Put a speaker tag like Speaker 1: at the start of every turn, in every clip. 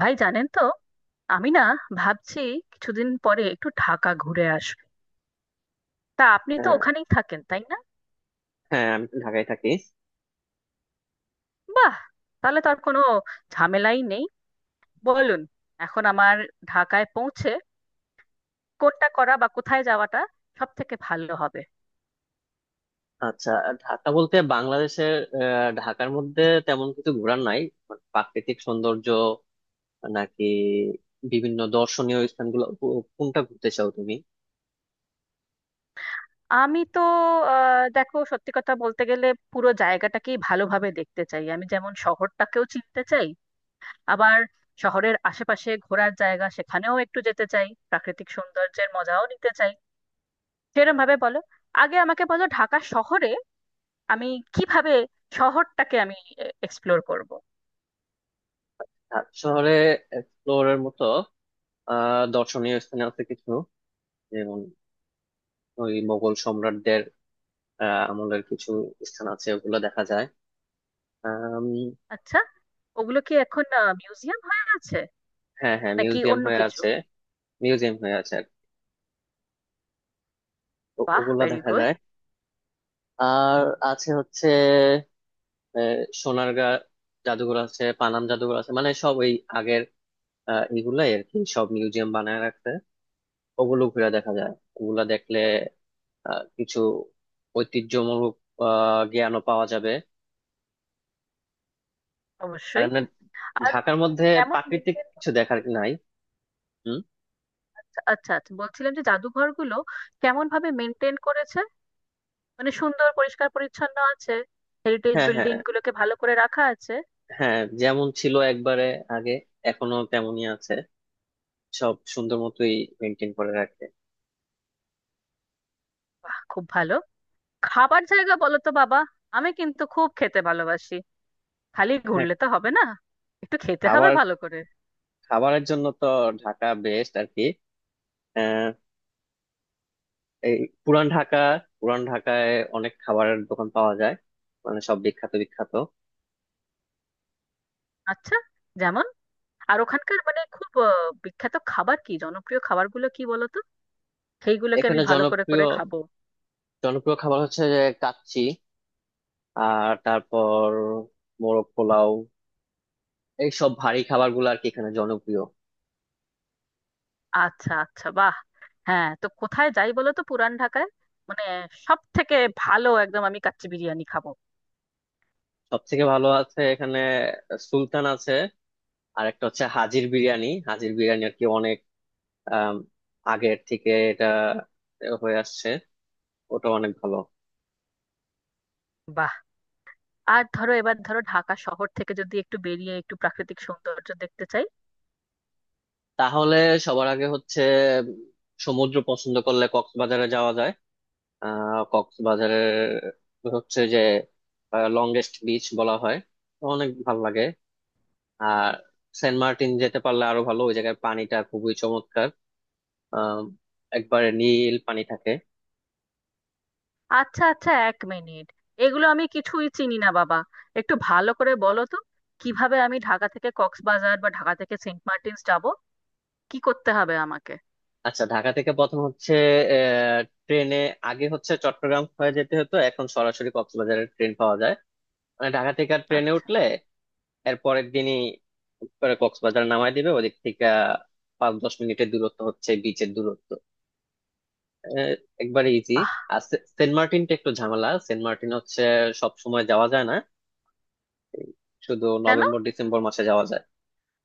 Speaker 1: ভাই জানেন তো, আমি না ভাবছি কিছুদিন পরে একটু ঢাকা ঘুরে আসবো। তা আপনি তো
Speaker 2: হ্যাঁ,
Speaker 1: ওখানেই থাকেন, তাই না?
Speaker 2: হ্যাঁ, আমি তো ঢাকায় থাকি।
Speaker 1: বাহ, তাহলে তো আর কোনো ঝামেলাই নেই। বলুন, এখন আমার ঢাকায় পৌঁছে কোনটা করা বা কোথায় যাওয়াটা সব থেকে ভালো হবে?
Speaker 2: আচ্ছা, ঢাকা বলতে বাংলাদেশের। ঢাকার মধ্যে তেমন কিছু ঘোরার নাই। মানে প্রাকৃতিক সৌন্দর্য নাকি বিভিন্ন দর্শনীয় স্থানগুলো, কোনটা ঘুরতে চাও তুমি?
Speaker 1: আমি তো, দেখো সত্যি কথা বলতে গেলে পুরো জায়গাটাকেই ভালোভাবে দেখতে চাই। আমি যেমন শহরটাকেও চিনতে চাই, আবার শহরের আশেপাশে ঘোরার জায়গা সেখানেও একটু যেতে চাই, প্রাকৃতিক সৌন্দর্যের মজাও নিতে চাই। সেরকম ভাবে বলো, আগে আমাকে বলো ঢাকা শহরে আমি কিভাবে শহরটাকে আমি এক্সপ্লোর করব।
Speaker 2: ঢাকা শহরে এক্সপ্লোরের মতো দর্শনীয় স্থান আছে কিছু, যেমন ওই মোগল সম্রাটদের আমলের কিছু স্থান আছে, ওগুলো দেখা যায়। আম,
Speaker 1: আচ্ছা, ওগুলো কি এখন মিউজিয়াম হয়ে আছে
Speaker 2: হ্যাঁ, হ্যাঁ,
Speaker 1: নাকি
Speaker 2: মিউজিয়াম
Speaker 1: অন্য
Speaker 2: হয়ে
Speaker 1: কিছু?
Speaker 2: আছে। মিউজিয়াম হয়ে আছে আর কি।
Speaker 1: বাহ,
Speaker 2: ওগুলো
Speaker 1: ভেরি
Speaker 2: দেখা
Speaker 1: গুড।
Speaker 2: যায়। আর আছে হচ্ছে আহ, সোনারগাঁ জাদুঘর আছে, পানাম জাদুঘর আছে, মানে সব ওই আগের এগুলাই আর কি, সব মিউজিয়াম বানায় রাখছে। ওগুলো ঘুরে দেখা যায়। ওগুলা দেখলে কিছু ঐতিহ্যমূলক জ্ঞানও পাওয়া যাবে। আর
Speaker 1: অবশ্যই।
Speaker 2: এমনি
Speaker 1: আর
Speaker 2: ঢাকার মধ্যে
Speaker 1: এমন
Speaker 2: প্রাকৃতিক
Speaker 1: মেনটেন।
Speaker 2: কিছু দেখার নাই। হুম।
Speaker 1: আচ্ছা, আচ্ছা, বলছিলাম যে জাদুঘরগুলো কেমন ভাবে মেনটেন করেছে, মানে সুন্দর পরিষ্কার পরিচ্ছন্ন আছে, হেরিটেজ
Speaker 2: হ্যাঁ, হ্যাঁ,
Speaker 1: বিল্ডিং গুলোকে ভালো করে রাখা আছে?
Speaker 2: হ্যাঁ, যেমন ছিল একবারে আগে এখনো তেমনই আছে, সব সুন্দর মতোই মেনটেন করে রাখে।
Speaker 1: বাহ, খুব ভালো। খাবার জায়গা বলো তো বাবা, আমি কিন্তু খুব খেতে ভালোবাসি। খালি
Speaker 2: হ্যাঁ।
Speaker 1: ঘুরলে তো হবে না, একটু খেতে হবে
Speaker 2: খাবার,
Speaker 1: ভালো করে।
Speaker 2: খাবারের জন্য তো ঢাকা বেস্ট আর কি। এই পুরান ঢাকা, পুরান ঢাকায় অনেক খাবারের দোকান পাওয়া যায়, মানে সব বিখ্যাত বিখ্যাত।
Speaker 1: আচ্ছা, যেমন? আর ওখানকার মানে খুব বিখ্যাত খাবার কি, জনপ্রিয় খাবারগুলো কি বলো তো, সেইগুলোকে আমি
Speaker 2: এখানে
Speaker 1: ভালো করে
Speaker 2: জনপ্রিয়
Speaker 1: করে খাবো।
Speaker 2: জনপ্রিয় খাবার হচ্ছে যে কাচ্চি, আর তারপর মোরগ পোলাও। এই সব ভারী খাবার গুলো আর কি এখানে জনপ্রিয়।
Speaker 1: আচ্ছা, আচ্ছা, বাহ। হ্যাঁ, তো কোথায় যাই বলো তো পুরান ঢাকায়? মানে সব থেকে ভালো, একদম আমি কাচ্চি বিরিয়ানি খাবো।
Speaker 2: সব থেকে ভালো আছে এখানে সুলতান আছে। আর একটা হচ্ছে হাজির বিরিয়ানি, হাজির বিরিয়ানি আর কি অনেক আম, আগের থেকে এটা হয়ে আসছে, ওটা অনেক ভালো।
Speaker 1: বাহ। আর ধরো, এবার ধরো ঢাকা শহর থেকে যদি একটু বেরিয়ে একটু প্রাকৃতিক সৌন্দর্য দেখতে চাই।
Speaker 2: তাহলে সবার আগে হচ্ছে উম, সমুদ্র পছন্দ করলে কক্সবাজারে যাওয়া যায়। কক্সবাজারের হচ্ছে যে লংগেস্ট বিচ বলা হয়, তো অনেক ভালো লাগে। আর সেন্ট মার্টিন যেতে পারলে আরো ভালো, ওই জায়গার পানিটা খুবই চমৎকার, আহ একবারে নীল পানি থাকে।
Speaker 1: আচ্ছা, আচ্ছা, এক মিনিট। এগুলো আমি কিছুই চিনি না বাবা, একটু ভালো করে বলো তো কিভাবে আমি ঢাকা থেকে কক্সবাজার বা ঢাকা থেকে সেন্ট মার্টিনস যাব, কি করতে হবে আমাকে?
Speaker 2: আচ্ছা, ঢাকা থেকে প্রথম হচ্ছে আহ ট্রেনে। আগে হচ্ছে চট্টগ্রাম হয়ে যেতে হতো, এখন সরাসরি কক্সবাজারের ট্রেন পাওয়া যায়। মানে ঢাকা থেকে ট্রেনে
Speaker 1: আচ্ছা।
Speaker 2: উঠলে এর পরের দিনই করে কক্সবাজার নামায় দিবে। ওদিক থেকে 5-10 মিনিটের দূরত্ব হচ্ছে বিচের দূরত্ব। আহ, একবারে ইজি।
Speaker 1: বাহ।
Speaker 2: আর সেন্ট মার্টিনটা একটু ঝামেলা। সেন্ট মার্টিন হচ্ছে সব সময় যাওয়া যায় না, শুধু
Speaker 1: কেন?
Speaker 2: নভেম্বর ডিসেম্বর মাসে যাওয়া যায়।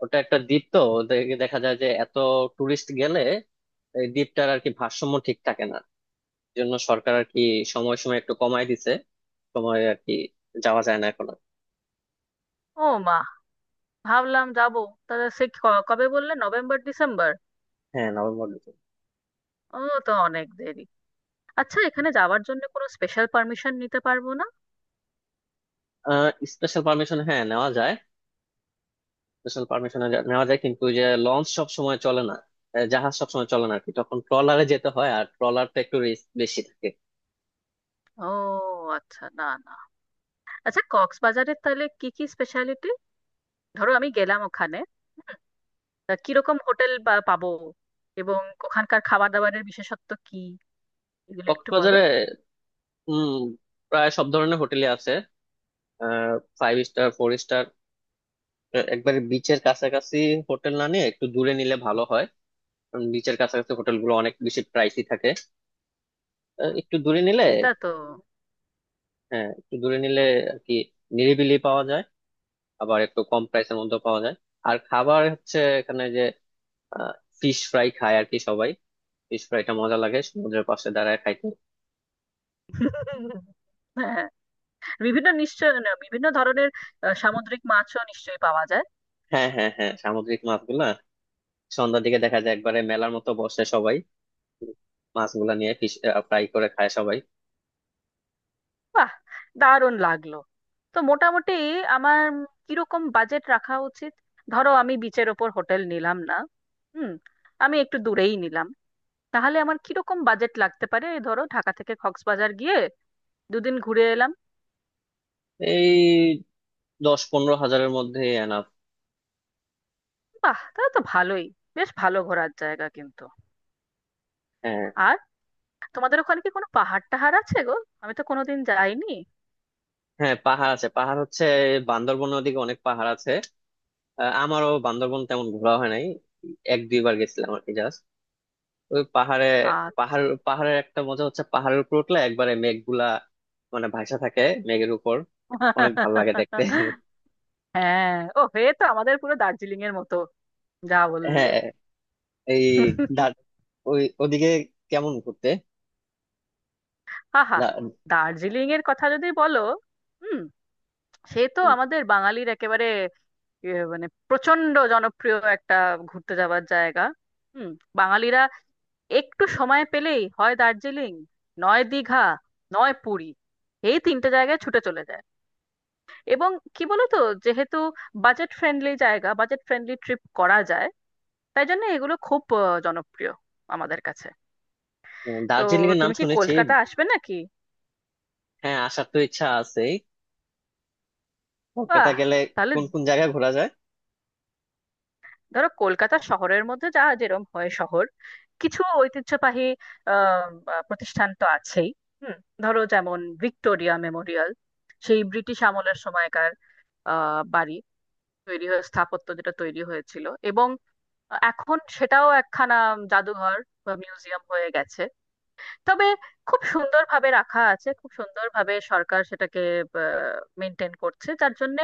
Speaker 2: ওটা একটা দ্বীপ তো, দেখা যায় যে এত টুরিস্ট গেলে এই দ্বীপটার আর কি ভারসাম্য ঠিক থাকে না। এই জন্য সরকার আর কি সময় সময় একটু কমায় দিছে, সময় আর কি যাওয়া যায় না এখন আর।
Speaker 1: ও মা, ভাবলাম যাব। তাহলে সে কবে বললে, নভেম্বর ডিসেম্বর?
Speaker 2: হ্যাঁ, নভেম্বর ডিসেম্বর।
Speaker 1: ও, তো অনেক দেরি। আচ্ছা, এখানে যাওয়ার জন্য কোনো স্পেশাল পারমিশন নিতে পারবো না?
Speaker 2: আহ স্পেশাল পারমিশন, হ্যাঁ, নেওয়া যায়। স্পেশাল পারমিশন নেওয়া যায় কিন্তু ওই যে লঞ্চ সব সময় চলে না, জাহাজ সব সময় চলে না আর কি, তখন ট্রলারে যেতে হয় আর ট্রলারটা একটু রিস্ক বেশি থাকে।
Speaker 1: ও, আচ্ছা, না না। আচ্ছা, কক্সবাজারের তাহলে কি কি স্পেশালিটি? ধরো আমি গেলাম ওখানে, তা কিরকম হোটেল বা পাবো, এবং ওখানকার খাবার দাবারের বিশেষত্ব কি, এগুলো একটু বলো।
Speaker 2: কক্সবাজারে উম প্রায় সব ধরনের হোটেলই আছে, ফাইভ স্টার, ফোর স্টার। একবারে বিচের কাছাকাছি হোটেল না নিয়ে একটু দূরে নিলে ভালো হয়, কারণ বিচের কাছাকাছি হোটেলগুলো অনেক বেশি প্রাইসই থাকে। একটু
Speaker 1: হুম,
Speaker 2: দূরে নিলে,
Speaker 1: এটা তো।
Speaker 2: হ্যাঁ, একটু দূরে নিলে আর কি নিরিবিলি পাওয়া যায়, আবার একটু কম প্রাইসের মধ্যে পাওয়া যায়। আর খাবার হচ্ছে এখানে যে ফিশ ফ্রাই খায় আর কি সবাই, ফিশ ফ্রাইটা মজা লাগে সমুদ্রের পাশে দাঁড়ায় খাইতে।
Speaker 1: হ্যাঁ, বিভিন্ন বিভিন্ন ধরনের সামুদ্রিক মাছও নিশ্চয়ই পাওয়া যায়।
Speaker 2: হ্যাঁ, হ্যাঁ, হ্যাঁ, সামুদ্রিক মাছগুলা সন্ধ্যার দিকে দেখা যায়, একবারে মেলার মতো বসে সবাই, মাছগুলা নিয়ে ফিশ ফ্রাই করে খায় সবাই।
Speaker 1: বাহ, দারুণ লাগলো। তো মোটামুটি আমার কিরকম বাজেট রাখা উচিত? ধরো আমি বিচের ওপর হোটেল নিলাম না। হুম, আমি একটু দূরেই নিলাম। তাহলে আমার কিরকম বাজেট লাগতে পারে, ধরো ঢাকা থেকে কক্সবাজার গিয়ে দুদিন ঘুরে এলাম?
Speaker 2: এই 10-15 হাজারের মধ্যে এনাফ।
Speaker 1: বাহ, তাহলে তো ভালোই, বেশ ভালো ঘোরার জায়গা কিন্তু।
Speaker 2: হ্যাঁ।
Speaker 1: আর তোমাদের ওখানে কি কোনো পাহাড় টাহাড় আছে গো? আমি তো কোনোদিন যাইনি।
Speaker 2: হ্যাঁ, পাহাড় আছে। পাহাড় হচ্ছে বান্দরবনের ওদিকে অনেক পাহাড় আছে। আমারও বান্দরবন তেমন ঘোরা হয় নাই, এক দুইবার গেছিলাম আর কি, জাস্ট ওই পাহাড়ে।
Speaker 1: আর
Speaker 2: পাহাড়, পাহাড়ের একটা মজা হচ্ছে পাহাড়ের উপর উঠলে একবারে মেঘগুলা মানে ভাসা থাকে মেঘের উপর। অনেক ভালো লাগে দেখতে।
Speaker 1: হ্যাঁ, ও হয়ে তো আমাদের পুরো দার্জিলিং এর মতো, যা বললে।
Speaker 2: হ্যাঁ। এই দা- ওই ওদিকে কেমন ঘুরতে
Speaker 1: আহা,
Speaker 2: দা-
Speaker 1: দার্জিলিং এর কথা যদি বলো, হুম, সে তো আমাদের বাঙালির একেবারে মানে প্রচন্ড জনপ্রিয় একটা ঘুরতে যাওয়ার জায়গা। হুম, বাঙালিরা একটু সময় পেলেই হয় দার্জিলিং, নয় দীঘা, নয় পুরী, এই তিনটে জায়গায় ছুটে চলে যায়। এবং কি বলতো, যেহেতু বাজেট ফ্রেন্ডলি জায়গা, বাজেট ফ্রেন্ডলি ট্রিপ করা যায়, তাই জন্য এগুলো খুব জনপ্রিয় আমাদের কাছে। তো
Speaker 2: দার্জিলিং এর নাম
Speaker 1: তুমি কি
Speaker 2: শুনেছি।
Speaker 1: কলকাতা আসবে নাকি?
Speaker 2: হ্যাঁ, আসার তো ইচ্ছা আছেই। কলকাতা
Speaker 1: বাহ,
Speaker 2: গেলে
Speaker 1: তাহলে
Speaker 2: কোন কোন জায়গা ঘোরা যায়?
Speaker 1: ধরো কলকাতা শহরের মধ্যে যা যেরকম হয় শহর, কিছু ঐতিহ্যবাহী আহ আহ, প্রতিষ্ঠান তো আছেই। হুম, ধরো যেমন ভিক্টোরিয়া মেমোরিয়াল, সেই ব্রিটিশ আমলের সময়কার বাড়ি তৈরি হয়ে স্থাপত্য যেটা তৈরি হয়েছিল, এবং এখন সেটাও একখানা জাদুঘর বা মিউজিয়াম হয়ে গেছে। তবে খুব সুন্দরভাবে রাখা আছে, খুব সুন্দরভাবে সরকার সেটাকে মেনটেন করছে, যার জন্য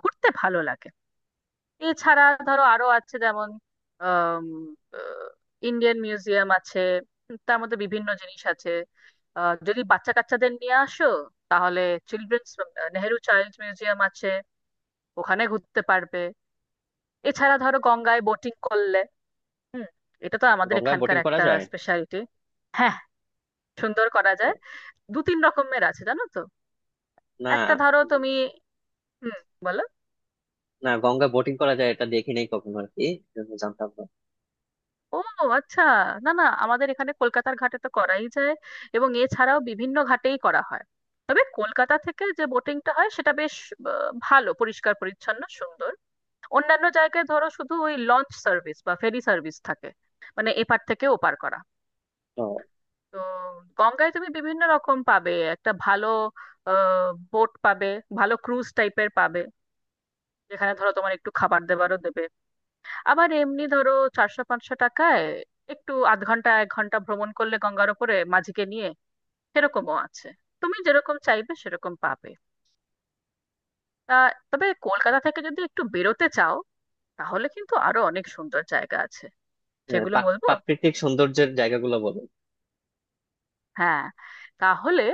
Speaker 1: ঘুরতে ভালো লাগে। এছাড়া ধরো আরো আছে, যেমন ইন্ডিয়ান মিউজিয়াম আছে, তার মধ্যে বিভিন্ন জিনিস আছে। যদি বাচ্চা কাচ্চাদের নিয়ে আসো, তাহলে চিলড্রেন্স, নেহেরু চাইল্ড মিউজিয়াম আছে, ওখানে ঘুরতে পারবে। এছাড়া ধরো গঙ্গায় বোটিং করলে, হুম, এটা তো আমাদের
Speaker 2: গঙ্গায়
Speaker 1: এখানকার
Speaker 2: বোটিং করা
Speaker 1: একটা
Speaker 2: যায়?
Speaker 1: স্পেশালিটি। হ্যাঁ, সুন্দর করা
Speaker 2: ও,
Speaker 1: যায়। দু তিন রকমের আছে, জানো তো?
Speaker 2: না,
Speaker 1: একটা ধরো তুমি, হুম, বলো।
Speaker 2: না, গঙ্গা বোটিং করা যায় এটা দেখি নাই কখনো আর কি, এজন্য জানতাম না।
Speaker 1: ও, আচ্ছা, না না, আমাদের এখানে কলকাতার ঘাটে তো করাই যায়, এবং এছাড়াও বিভিন্ন ঘাটেই করা হয়। তবে কলকাতা থেকে যে বোটিংটা হয় সেটা বেশ ভালো, পরিষ্কার পরিচ্ছন্ন সুন্দর। অন্যান্য জায়গায় ধরো শুধু ওই লঞ্চ সার্ভিস বা ফেরি সার্ভিস থাকে, মানে এপার থেকে ওপার করা।
Speaker 2: তো
Speaker 1: তো গঙ্গায় তুমি বিভিন্ন রকম পাবে, একটা ভালো বোট পাবে, ভালো ক্রুজ টাইপের পাবে, যেখানে ধরো তোমার একটু খাবার দাবারও দেবে। আবার এমনি ধরো 400-500 টাকায় একটু আধ ঘন্টা 1 ঘন্টা ভ্রমণ করলে গঙ্গার ওপরে মাঝিকে নিয়ে, সেরকমও আছে। তুমি যেরকম চাইবে সেরকম পাবে। তা তবে কলকাতা থেকে যদি একটু বেরোতে চাও, তাহলে কিন্তু আরো অনেক সুন্দর জায়গা আছে। সেগুলো বলবো,
Speaker 2: প্রাকৃতিক সৌন্দর্যের জায়গাগুলো বলো।
Speaker 1: হ্যাঁ। তাহলে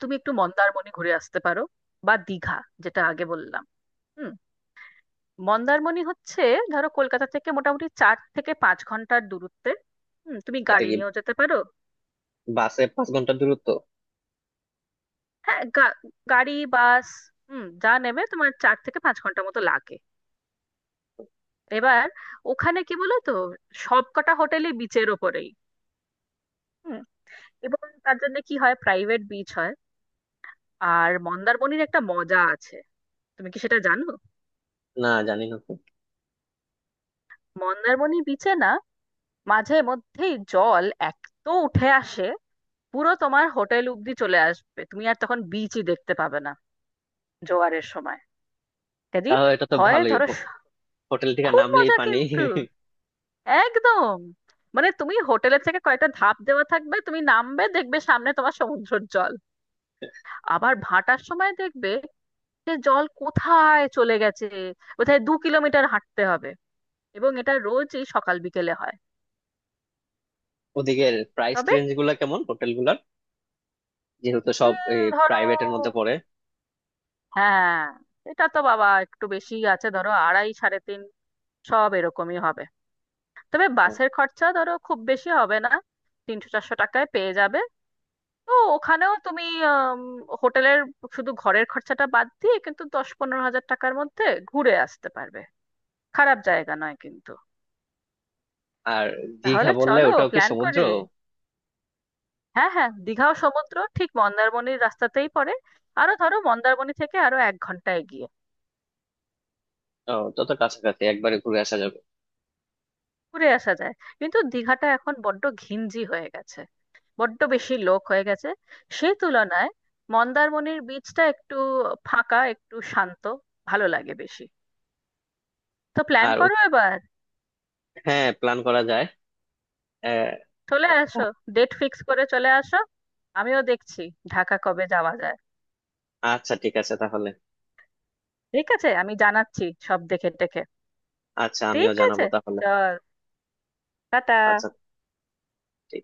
Speaker 1: তুমি একটু মন্দারমণি ঘুরে আসতে পারো, বা দীঘা, যেটা আগে বললাম। হুম, মন্দারমণি হচ্ছে ধরো কলকাতা থেকে মোটামুটি 4 থেকে 5 ঘন্টার দূরত্বে। হুম, তুমি
Speaker 2: এটা
Speaker 1: গাড়ি
Speaker 2: কি
Speaker 1: নিয়েও যেতে পারো।
Speaker 2: বাসে 5 ঘন্টা দূরত্ব?
Speaker 1: হ্যাঁ, গাড়ি, বাস, হুম, যা নেবে তোমার 4 থেকে 5 ঘন্টা মতো লাগে। এবার ওখানে কি বলো তো, সব কটা হোটেলই বিচের ওপরেই। হুম, এবং তার জন্য কি হয়, প্রাইভেট বিচ হয়। আর মন্দারমণির একটা মজা আছে, তুমি কি সেটা জানো?
Speaker 2: না, জানি না তো।
Speaker 1: মন্দারমণি বিচে না, মাঝে মধ্যেই জল এত উঠে আসে, পুরো তোমার হোটেল অব্দি চলে আসবে, তুমি আর তখন বিচই দেখতে পাবে না, জোয়ারের সময়। কাজেই
Speaker 2: তাহলে এটা তো
Speaker 1: হয়
Speaker 2: ভালোই
Speaker 1: ধরো
Speaker 2: হোটেল থেকে
Speaker 1: খুব
Speaker 2: নামলেই
Speaker 1: মজা
Speaker 2: পানি।
Speaker 1: কিন্তু একদম। মানে তুমি হোটেলের থেকে কয়েকটা ধাপ দেওয়া থাকবে, তুমি নামবে দেখবে সামনে তোমার সমুদ্রের জল। আবার ভাটার সময় দেখবে যে জল কোথায় চলে গেছে, কোথায় 2 কিলোমিটার হাঁটতে হবে। এবং এটা রোজই সকাল বিকেলে হয়।
Speaker 2: ওদিকে প্রাইস
Speaker 1: তবে
Speaker 2: রেঞ্জ গুলা কেমন হোটেল গুলার? যেহেতু সব
Speaker 1: ধরো,
Speaker 2: প্রাইভেটের মধ্যে পড়ে।
Speaker 1: হ্যাঁ, এটা তো বাবা একটু বেশি আছে, ধরো 2.5, 3.5, সব এরকমই হবে। তবে
Speaker 2: তো,
Speaker 1: বাসের খরচা ধরো খুব বেশি হবে না, 300-400 টাকায় পেয়ে যাবে। তো ওখানেও তুমি আম, হোটেলের শুধু ঘরের খরচাটা বাদ দিয়ে কিন্তু 10-15 হাজার টাকার মধ্যে ঘুরে আসতে পারবে। খারাপ জায়গা নয় কিন্তু।
Speaker 2: আর দীঘা
Speaker 1: তাহলে
Speaker 2: বললে
Speaker 1: চলো
Speaker 2: ওটাও কি
Speaker 1: প্ল্যান
Speaker 2: সমুদ্র?
Speaker 1: করি। হ্যাঁ হ্যাঁ, দীঘাও সমুদ্র, ঠিক মন্দারমণির রাস্তাতেই পড়ে। আরো ধরো মন্দারমণি থেকে আরো 1 ঘন্টা এগিয়ে,
Speaker 2: ও, তত কাছাকাছি একবারে ঘুরে আসা যাবে।
Speaker 1: ঘুরে আসা যায়। কিন্তু দীঘাটা এখন বড্ড ঘিঞ্জি হয়ে গেছে, বড্ড বেশি লোক হয়ে গেছে। সেই তুলনায় মন্দারমণির বীচটা একটু ফাঁকা, একটু শান্ত, ভালো লাগে বেশি। তো প্ল্যান
Speaker 2: আর,
Speaker 1: করো এবার,
Speaker 2: হ্যাঁ, প্ল্যান করা যায়। আহ,
Speaker 1: চলে আসো, ডেট ফিক্স করে চলে আসো। আমিও দেখছি ঢাকা কবে যাওয়া যায়।
Speaker 2: আচ্ছা, ঠিক আছে তাহলে।
Speaker 1: ঠিক আছে, আমি জানাচ্ছি সব দেখে টেখে।
Speaker 2: আচ্ছা, আমিও
Speaker 1: ঠিক
Speaker 2: জানাবো
Speaker 1: আছে,
Speaker 2: তাহলে।
Speaker 1: চল, টাটা।
Speaker 2: আচ্ছা, ঠিক।